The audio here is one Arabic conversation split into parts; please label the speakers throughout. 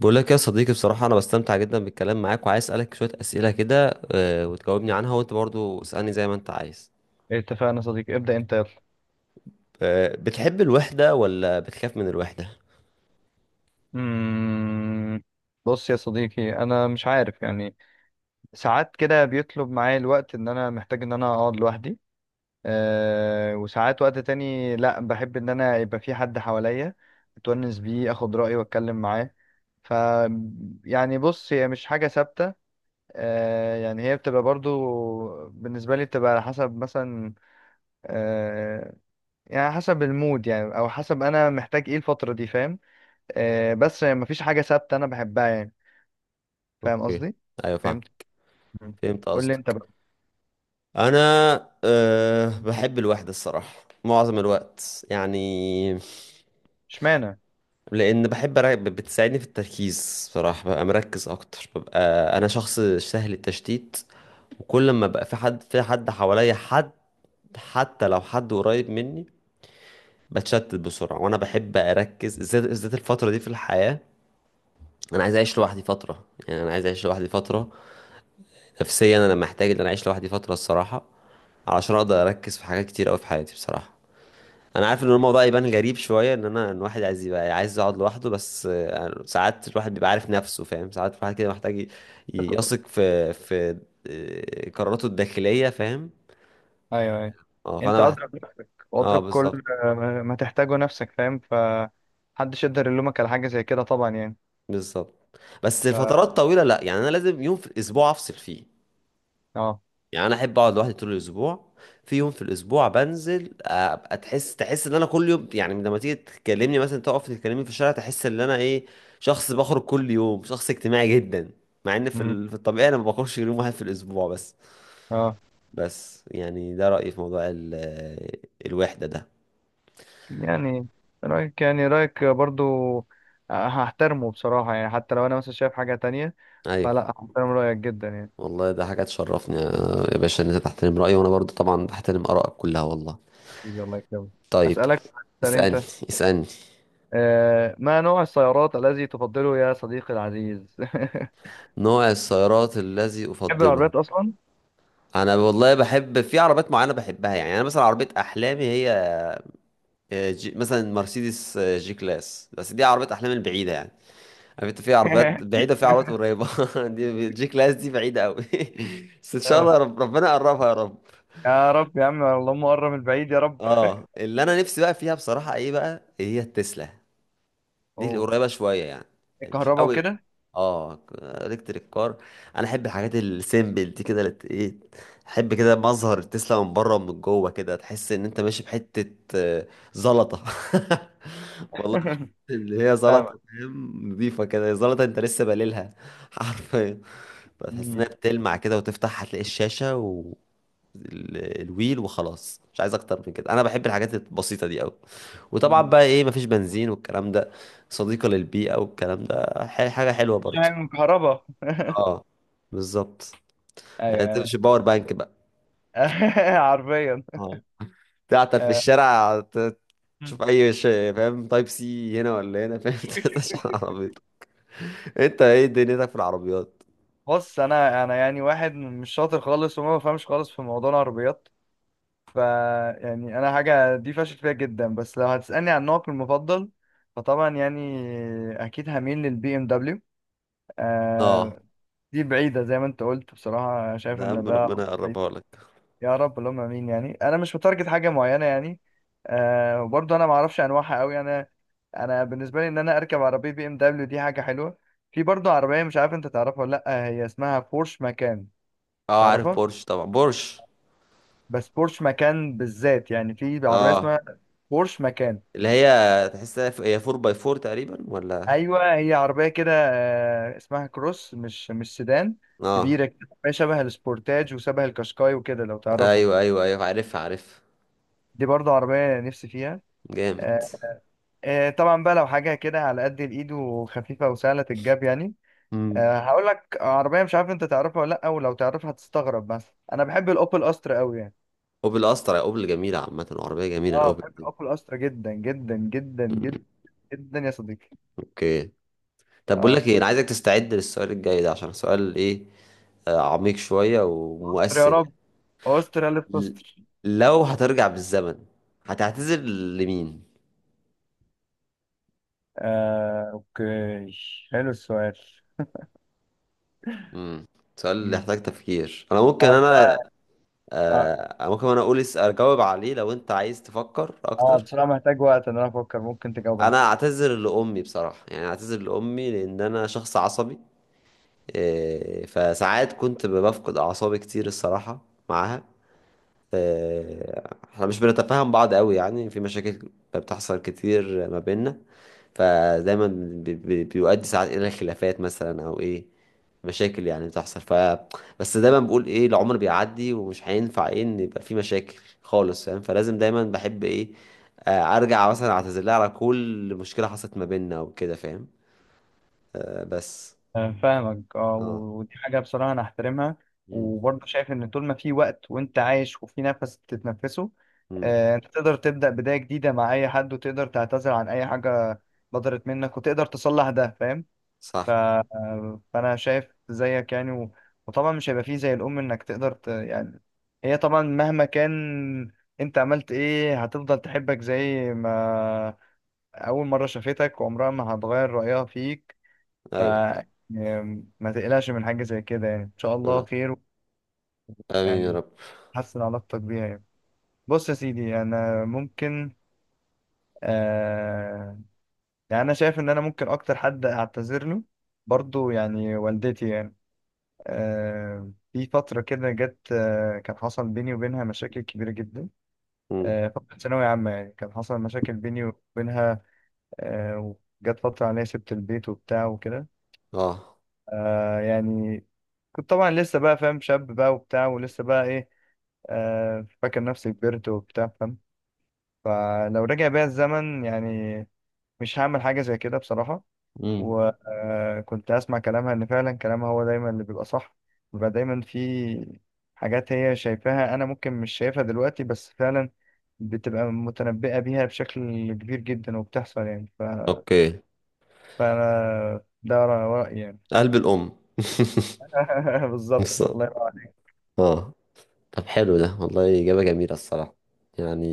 Speaker 1: بقول لك يا صديقي بصراحة أنا بستمتع جدا بالكلام معاك وعايز أسألك شوية أسئلة كده، وتجاوبني عنها وأنت برضو اسألني زي ما أنت عايز.
Speaker 2: اتفقنا يا صديقي، ابدأ انت، يلا.
Speaker 1: بتحب الوحدة ولا بتخاف من الوحدة؟
Speaker 2: مم... بص يا صديقي، انا مش عارف يعني. ساعات كده بيطلب معايا الوقت ان انا محتاج ان انا اقعد لوحدي. وساعات وقت تاني لا، بحب ان انا يبقى في حد حواليا اتونس بيه، اخد رأيه واتكلم معاه. ف يعني بص، هي مش حاجة ثابتة. يعني هي بتبقى برضو بالنسبة لي، بتبقى على حسب، مثلا أه يعني حسب المود، يعني او حسب انا محتاج ايه الفترة دي، فاهم؟ بس يعني مفيش حاجة ثابتة أنا بحبها، يعني. فاهم
Speaker 1: أوكي.
Speaker 2: قصدي؟
Speaker 1: أيوة فاهم.
Speaker 2: فهمت؟ مم.
Speaker 1: فهمت
Speaker 2: قول لي أنت
Speaker 1: قصدك.
Speaker 2: بقى.
Speaker 1: أنا أه بحب الوحدة الصراحة، معظم الوقت يعني.
Speaker 2: اشمعنى؟
Speaker 1: لأن بتساعدني في التركيز، بصراحة ببقى مركز أكتر، ببقى أنا شخص سهل التشتيت. وكل ما بقى في حد حواليا حد، حتى لو حد قريب مني، بتشتت بسرعة. وأنا بحب أركز بالذات الفترة دي في الحياة. أنا عايز أعيش لوحدي فترة، يعني أنا عايز أعيش لوحدي فترة. نفسيا أنا محتاج إن أنا أعيش لوحدي فترة الصراحة، علشان أقدر أركز في حاجات كتير أوي في حياتي بصراحة. أنا عارف إن الموضوع يبان غريب شوية إن أنا إن الواحد عايز يبقى عايز يقعد لوحده، بس ساعات الواحد بيبقى عارف نفسه فاهم، ساعات الواحد كده يثق في قراراته الداخلية فاهم.
Speaker 2: أيوه، أيوه.
Speaker 1: اه
Speaker 2: أنت أضرب نفسك
Speaker 1: اه
Speaker 2: وأضرب
Speaker 1: بالظبط،
Speaker 2: كل ما تحتاجه نفسك، فاهم؟ فمحدش يقدر يلومك على حاجة زي كده طبعا، يعني.
Speaker 1: بالظبط. بس
Speaker 2: ف
Speaker 1: الفترات طويلة لا، يعني أنا لازم يوم في الأسبوع أفصل فيه.
Speaker 2: أه
Speaker 1: يعني انا احب اقعد لوحدي طول الاسبوع، في يوم في الاسبوع بنزل ابقى تحس ان انا كل يوم، يعني لما تيجي تكلمني مثلا، تقف تكلمني في الشارع، تحس ان انا ايه، شخص بخرج كل يوم، شخص اجتماعي جدا. مع ان
Speaker 2: مم.
Speaker 1: في الطبيعي انا ما بخرجش غير يوم واحد في الاسبوع بس.
Speaker 2: أه
Speaker 1: بس يعني ده رأيي في موضوع ال الوحدة ده.
Speaker 2: يعني رأيك، يعني رأيك برضو هحترمه بصراحة، يعني حتى لو أنا مثلا شايف حاجة تانية،
Speaker 1: ايوه.
Speaker 2: فلا هحترم رأيك جدا يعني.
Speaker 1: والله ده حاجة تشرفني يا باشا ان انت تحترم رأيي، وانا برضو طبعا بحترم آرائك كلها والله.
Speaker 2: حبيبي، الله يكرمك.
Speaker 1: طيب
Speaker 2: أسألك. سأل
Speaker 1: اسألني،
Speaker 2: أنت.
Speaker 1: اسألني.
Speaker 2: ما نوع السيارات الذي تفضله يا صديقي العزيز؟
Speaker 1: نوع السيارات الذي
Speaker 2: تحب
Speaker 1: أفضله؟
Speaker 2: العربيات اصلا؟
Speaker 1: انا والله بحب في عربيات معينه بحبها، يعني انا مثلا عربيه احلامي هي جي مثلا، مرسيدس جي كلاس، بس دي عربيه احلامي البعيده يعني. عارف انت، في عربيات بعيده في عربيات قريبه. دي جي كلاس دي بعيده قوي. بس ان شاء
Speaker 2: آه،
Speaker 1: الله ربنا يقربها يا رب.
Speaker 2: يا رب، يا عم، اللهم قرب من بعيد يا رب.
Speaker 1: اه اللي انا نفسي بقى فيها بصراحه ايه بقى هي التسلا. دي
Speaker 2: اوه.
Speaker 1: القريبة شوية يعني، يعني مش
Speaker 2: الكهرباء
Speaker 1: قوي.
Speaker 2: وكده.
Speaker 1: اه، الكتريك كار. انا احب الحاجات السيمبل دي كده ايه، احب كده مظهر تسلا من بره ومن جوه، كده تحس ان انت ماشي بحتة زلطة. والله تحس ان هي
Speaker 2: فاهمك.
Speaker 1: زلطة فاهم، نضيفة كده زلطة انت لسه بليلها حرفيا. بتحس انها
Speaker 2: مم.
Speaker 1: بتلمع كده، وتفتح هتلاقي الشاشة و الويل، وخلاص مش عايز اكتر من كده، انا بحب الحاجات البسيطة دي قوي. وطبعا
Speaker 2: مم.
Speaker 1: بقى ايه، مفيش بنزين والكلام ده، صديقة للبيئة والكلام ده حاجة حلوة برضه.
Speaker 2: شايل من كهرباء.
Speaker 1: اه بالظبط. يعني
Speaker 2: ايوه.
Speaker 1: تمشي باور بانك بقى.
Speaker 2: حرفيا.
Speaker 1: اه، تعطل في
Speaker 2: آه،
Speaker 1: الشارع تشوف
Speaker 2: مم.
Speaker 1: اي شيء فاهم، تايب سي هنا ولا هنا فاهم تشحن عربيتك. انت ايه دنيتك في العربيات؟
Speaker 2: بص، انا يعني واحد مش شاطر خالص، وما بفهمش خالص في موضوع العربيات. ف يعني انا حاجه دي فاشل فيها جدا، بس لو هتسالني عن نوعك المفضل، فطبعا يعني اكيد هميل للبي ام.
Speaker 1: اه،
Speaker 2: آه دي بعيدة زي ما انت قلت، بصراحة شايف
Speaker 1: ده يا
Speaker 2: ان
Speaker 1: عم
Speaker 2: ده
Speaker 1: ربنا
Speaker 2: بعيد.
Speaker 1: يقربها لك.
Speaker 2: يا رب، اللهم امين. يعني انا مش متارجت حاجة معينة يعني. وبرضه انا ما اعرفش انواعها قوي. انا انا بالنسبة لي، ان انا اركب عربية بي ام دبليو دي حاجة حلوة. في برضه عربية مش عارف انت تعرفها ولا لا، هي اسمها بورش مكان.
Speaker 1: اه عارف
Speaker 2: تعرفها؟
Speaker 1: بورش، طبعا بورش.
Speaker 2: بس بورش مكان بالذات، يعني في عربية
Speaker 1: اه
Speaker 2: اسمها بورش مكان.
Speaker 1: اللي هي تحسها هي 4 باي 4 تقريبا ولا؟
Speaker 2: ايوه، هي عربية كده، اسمها كروس، مش سيدان.
Speaker 1: اه
Speaker 2: كبيرة كده، شبه السبورتاج وشبه الكاشكاي وكده لو تعرفه.
Speaker 1: ايوه ايوه ايوه، عارفها عارفها.
Speaker 2: دي برضو عربية نفسي فيها.
Speaker 1: جامد.
Speaker 2: آه، طبعا بقى لو حاجة كده على قد الإيد وخفيفة وسهلة الجاب، يعني
Speaker 1: امم،
Speaker 2: هقول لك عربية مش عارف أنت تعرفها ولا لأ، ولو تعرفها هتستغرب، بس أنا بحب الأوبل أسترا أوي يعني.
Speaker 1: اوبل اسطر، يا اوبل جميله عامه، وعربيه جميله
Speaker 2: أه
Speaker 1: الاوبل.
Speaker 2: بحب الأوبل أسترا جدا جدا جدا
Speaker 1: مم،
Speaker 2: جدا جدا يا صديقي.
Speaker 1: اوكي. طب بقول
Speaker 2: أه
Speaker 1: لك ايه، انا عايزك تستعد للسؤال الجاي ده عشان سؤال ايه، عميق شوية
Speaker 2: أستر يا
Speaker 1: ومؤثر
Speaker 2: رب،
Speaker 1: يعني.
Speaker 2: أستر، ألف
Speaker 1: ل-
Speaker 2: أستر.
Speaker 1: لو هترجع بالزمن، هتعتذر لمين؟
Speaker 2: أوكي. حلو السؤال.
Speaker 1: مم. سؤال اللي
Speaker 2: مم.
Speaker 1: يحتاج تفكير، انا ممكن
Speaker 2: بصراحة
Speaker 1: انا،
Speaker 2: آه،
Speaker 1: ممكن انا اقول اجاوب عليه لو انت عايز تفكر اكتر.
Speaker 2: بصراحة محتاج وقت إن أنا أفكر، ممكن تجاوب أنت.
Speaker 1: انا اعتذر لامي بصراحة، يعني اعتذر لامي لان انا شخص عصبي. فساعات كنت بفقد اعصابي كتير الصراحة، معاها. احنا مش بنتفاهم بعض قوي، يعني في مشاكل بتحصل كتير ما بيننا، فدايما بيؤدي ساعات الى خلافات مثلا او ايه، مشاكل يعني بتحصل. ف بس دايما بقول ايه، العمر بيعدي ومش هينفع ايه ان يبقى في مشاكل خالص فاهم، فلازم دايما بحب ايه، ارجع مثلا اعتذر لها على كل مشكلة حصلت ما بيننا وكده فاهم. بس
Speaker 2: فاهمك،
Speaker 1: اه
Speaker 2: ودي حاجة بصراحة أنا أحترمها،
Speaker 1: امم.
Speaker 2: وبرضه شايف إن طول ما في وقت وأنت عايش وفي نفس تتنفسه،
Speaker 1: امم،
Speaker 2: أنت تقدر تبدأ بداية جديدة مع أي حد، وتقدر تعتذر عن أي حاجة بدرت منك، وتقدر تصلح ده، فاهم؟ ف...
Speaker 1: صح.
Speaker 2: آه، فأنا شايف زيك يعني. وطبعا مش هيبقى فيه زي الأم، إنك تقدر يعني، هي طبعا مهما كان أنت عملت إيه هتفضل تحبك زي ما أول مرة شافتك، وعمرها ما هتغير رأيها فيك. ف
Speaker 1: ايوه.
Speaker 2: ما تقلقش من حاجة زي كده، يعني إن شاء الله
Speaker 1: أنا.
Speaker 2: خير،
Speaker 1: امين يا
Speaker 2: يعني
Speaker 1: رب.
Speaker 2: تحسن علاقتك بيها يعني. بص يا سيدي، أنا ممكن آه يعني أنا شايف إن أنا ممكن أكتر حد أعتذر له برضو يعني والدتي، يعني في فترة كده جت، كان حصل بيني وبينها مشاكل كبيرة جدا.
Speaker 1: امم
Speaker 2: فترة ثانوية عامة يعني، كان حصل مشاكل بيني وبينها. آه وجت فترة عليها سبت البيت وبتاع وكده.
Speaker 1: اه.
Speaker 2: يعني كنت طبعا لسه بقى، فاهم، شاب بقى وبتاع، ولسه بقى ايه، فاكر نفسي كبرت وبتاع، فاهم؟ فلو رجع بيا الزمن يعني مش هعمل حاجة زي كده بصراحة.
Speaker 1: مم.
Speaker 2: وكنت أسمع كلامها، إن فعلا كلامها هو دايما اللي بيبقى صح. بيبقى دايما في حاجات هي شايفاها أنا ممكن مش شايفها دلوقتي، بس فعلا بتبقى متنبئة بيها بشكل كبير جدا، وبتحصل يعني.
Speaker 1: اوكي.
Speaker 2: فأنا ده رأيي يعني.
Speaker 1: قلب الام
Speaker 2: بالظبط، الله
Speaker 1: بالظبط.
Speaker 2: ينور.
Speaker 1: اه، طب حلو ده والله، اجابه جميله الصراحه، يعني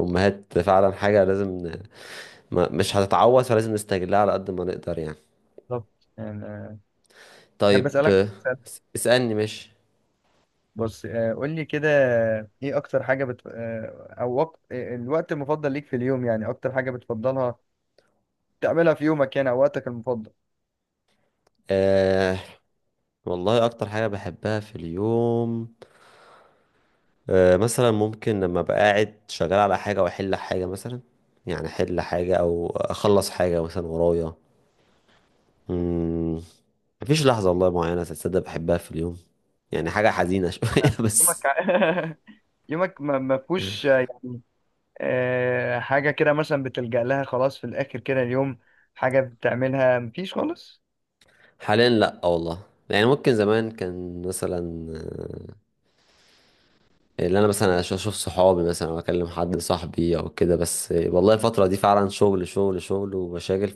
Speaker 1: امهات فعلا حاجه لازم ما مش هتتعوض، فلازم نستغلها على قد ما نقدر يعني.
Speaker 2: بالظبط يعني. أحب
Speaker 1: طيب
Speaker 2: أسألك سؤال.
Speaker 1: اسالني مش.
Speaker 2: بص، قول لي كده، إيه أكتر حاجة بت... آه، أو وقت... آه، الوقت المفضل ليك في اليوم؟ يعني أكتر حاجة بتفضلها تعملها في يومك، يعني، أو وقتك المفضل.
Speaker 1: آه والله اكتر حاجه بحبها في اليوم، مثلا ممكن لما ابقى قاعد شغال على حاجه واحل حاجه مثلا، يعني احل حاجه او اخلص حاجه مثلا ورايا. مم. مفيش لحظة والله معينة تصدق بحبها في اليوم، يعني حاجة حزينة شوية بس.
Speaker 2: يومك يومك ما فيهوش يعني حاجة كده مثلا بتلجأ لها خلاص في الآخر كده اليوم، حاجة بتعملها مفيش خالص؟
Speaker 1: حاليا لأ والله، يعني ممكن زمان كان مثلا آه، اللي أنا مثلا أشوف صحابي مثلا أو أكلم حد صاحبي أو كده، بس والله الفترة دي فعلا شغل شغل شغل ومشاغل،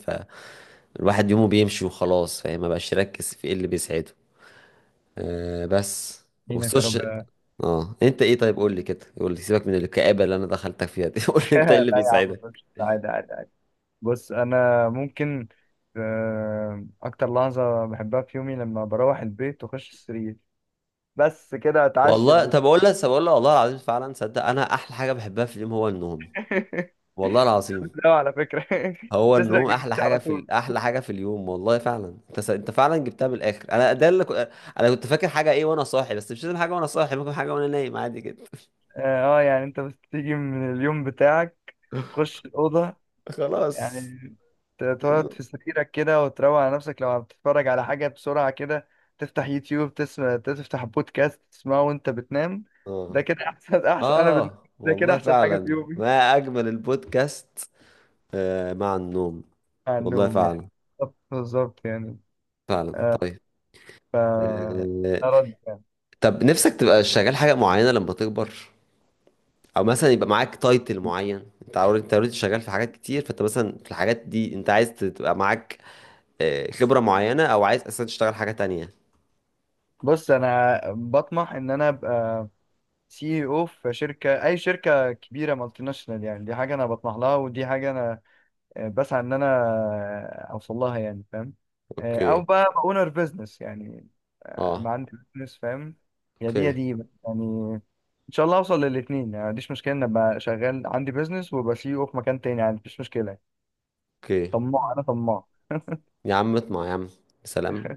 Speaker 1: فالواحد يومه بيمشي وخلاص فاهم، مبقاش يركز في إيه اللي بيسعده. أه بس.
Speaker 2: دينك يا
Speaker 1: والسوشيال.
Speaker 2: رب
Speaker 1: اه، انت ايه طيب، قول لي كده، قول لي سيبك من الكآبة اللي انا دخلتك فيها دي قول لي انت ايه اللي
Speaker 2: لا يا عم،
Speaker 1: بيسعدك.
Speaker 2: مفيش. عادي، عادي. بص، انا ممكن اكتر لحظه بحبها في يومي لما بروح البيت واخش السرير، بس كده، اتعشى
Speaker 1: والله
Speaker 2: بت-
Speaker 1: طب اقول لك والله العظيم فعلا صدق، انا احلى حاجه بحبها في اليوم هو النوم، والله العظيم.
Speaker 2: لا، على فكره
Speaker 1: هو
Speaker 2: تسرق
Speaker 1: النوم احلى
Speaker 2: جبتي
Speaker 1: حاجه
Speaker 2: على
Speaker 1: في
Speaker 2: طول.
Speaker 1: احلى حاجه في اليوم والله فعلا، انت انت فعلا جبتها من الاخر، انا ده اللي انا كنت فاكر حاجه ايه وانا صاحي، بس مش لازم حاجه وانا صاحي، ممكن حاجه وانا نايم عادي جدا.
Speaker 2: اه. يعني انت بس تيجي من اليوم بتاعك تخش الاوضه،
Speaker 1: خلاص.
Speaker 2: يعني تقعد
Speaker 1: النوم.
Speaker 2: في سريرك كده وتروق على نفسك، لو بتتفرج على حاجه بسرعه كده، تفتح يوتيوب تسمع، تفتح بودكاست تسمعه وانت بتنام. ده
Speaker 1: اه
Speaker 2: كده احسن، احسن، انا
Speaker 1: اه،
Speaker 2: ده كده
Speaker 1: والله
Speaker 2: احسن حاجه في
Speaker 1: فعلا
Speaker 2: يومي،
Speaker 1: ما اجمل البودكاست مع النوم.
Speaker 2: على
Speaker 1: والله
Speaker 2: النوم
Speaker 1: فعلا.
Speaker 2: يعني. بالظبط، بالظبط يعني.
Speaker 1: فعلا
Speaker 2: آه،
Speaker 1: طيب.
Speaker 2: ف
Speaker 1: آه...
Speaker 2: أرد يعني،
Speaker 1: طب نفسك تبقى شغال حاجه معينه لما تكبر، او مثلا يبقى معاك تايتل معين، انت اوريدي انت اوريدي شغال في حاجات كتير، فانت مثلا في الحاجات دي انت عايز تبقى معاك خبرة معينة، او عايز اصلا تشتغل حاجة تانية؟
Speaker 2: بص أنا بطمح إن أنا أبقى سي او في شركة، أي شركة كبيرة مالتي ناشونال، يعني دي حاجة أنا بطمح لها، ودي حاجة أنا بسعى إن أنا أوصل لها يعني، فاهم؟ أو
Speaker 1: اوكي.
Speaker 2: بقى أونر بزنس، يعني
Speaker 1: اه
Speaker 2: ما عندي بزنس، فاهم؟ يا دي يا
Speaker 1: اوكي.
Speaker 2: دي، بس يعني إن شاء الله أوصل للاتنين، يعني ما عنديش مشكلة إن أبقى شغال عندي بزنس وأبقى سي او في مكان تاني، يعني مفيش مشكلة.
Speaker 1: اوكي.
Speaker 2: طماع، أنا طماع.
Speaker 1: يا عم اطمع يا عم. سلام.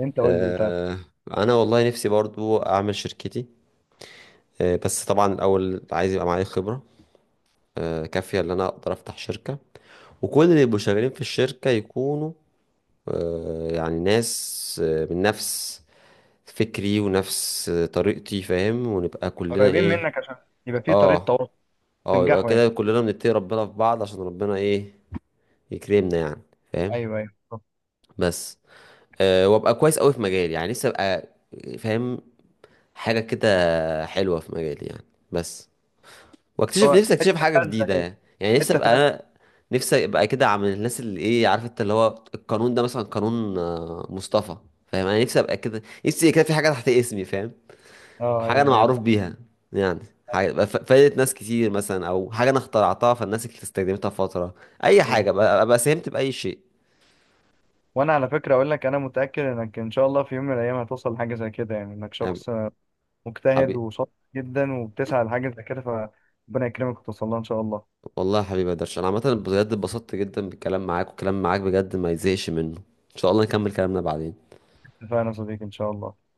Speaker 2: أنت قول لي طيب.
Speaker 1: آه انا والله نفسي برضو اعمل شركتي، بس طبعا الاول عايز يبقى معايا خبرة كافية ان انا اقدر افتح شركة، وكل اللي يبقوا شغالين في الشركة يكونوا يعني ناس من نفس فكري ونفس طريقتي فاهم، ونبقى كلنا
Speaker 2: قريبين
Speaker 1: ايه.
Speaker 2: منك عشان يبقى في طريقه
Speaker 1: اه
Speaker 2: تواصل،
Speaker 1: اه، يبقى
Speaker 2: تنجحوا يعني.
Speaker 1: كده كلنا بنتقي ربنا في بعض، عشان ربنا ايه يكرمنا يعني، فاهم.
Speaker 2: ايوه، ايوه، طب.
Speaker 1: بس أه، وابقى كويس قوي في مجالي، يعني لسه ابقى فاهم حاجة كده حلوة في مجالي يعني. بس واكتشف
Speaker 2: هو
Speaker 1: نفسي، اكتشف
Speaker 2: حته
Speaker 1: حاجة
Speaker 2: فازه
Speaker 1: جديدة،
Speaker 2: كده،
Speaker 1: يعني يعني نفسي
Speaker 2: حته
Speaker 1: ابقى
Speaker 2: فازه.
Speaker 1: انا، نفسي ابقى كده عامل الناس اللي ايه عارف انت اللي هو القانون ده مثلا، قانون مصطفى فاهم. انا نفسي ابقى كده، نفسي كده في حاجة تحت اسمي فاهم،
Speaker 2: اه،
Speaker 1: حاجة
Speaker 2: ايوه،
Speaker 1: أنا
Speaker 2: ايوه،
Speaker 1: معروف بيها يعني. حاجة بقى فادت ناس كتير مثلا، أو حاجة أنا اخترعتها فالناس اللي استخدمتها فترة، أي
Speaker 2: ايوه.
Speaker 1: حاجة بقى أبقى ساهمت بأي شيء
Speaker 2: وانا على فكره اقول لك، انا متاكد انك ان شاء الله في يوم من الايام هتوصل لحاجه زي كده، يعني انك
Speaker 1: يعني.
Speaker 2: شخص مجتهد
Speaker 1: حبيبي.
Speaker 2: وشاطر جدا وبتسعى لحاجه زي كده، فربنا يكرمك وتوصل لها ان شاء الله.
Speaker 1: والله يا حبيبي يا درش، أنا عامة بجد اتبسطت جدا بالكلام معاك، والكلام معاك بجد ما يزهقش منه، إن شاء الله نكمل كلامنا بعدين.
Speaker 2: اتفقنا يا صديقي، ان شاء الله.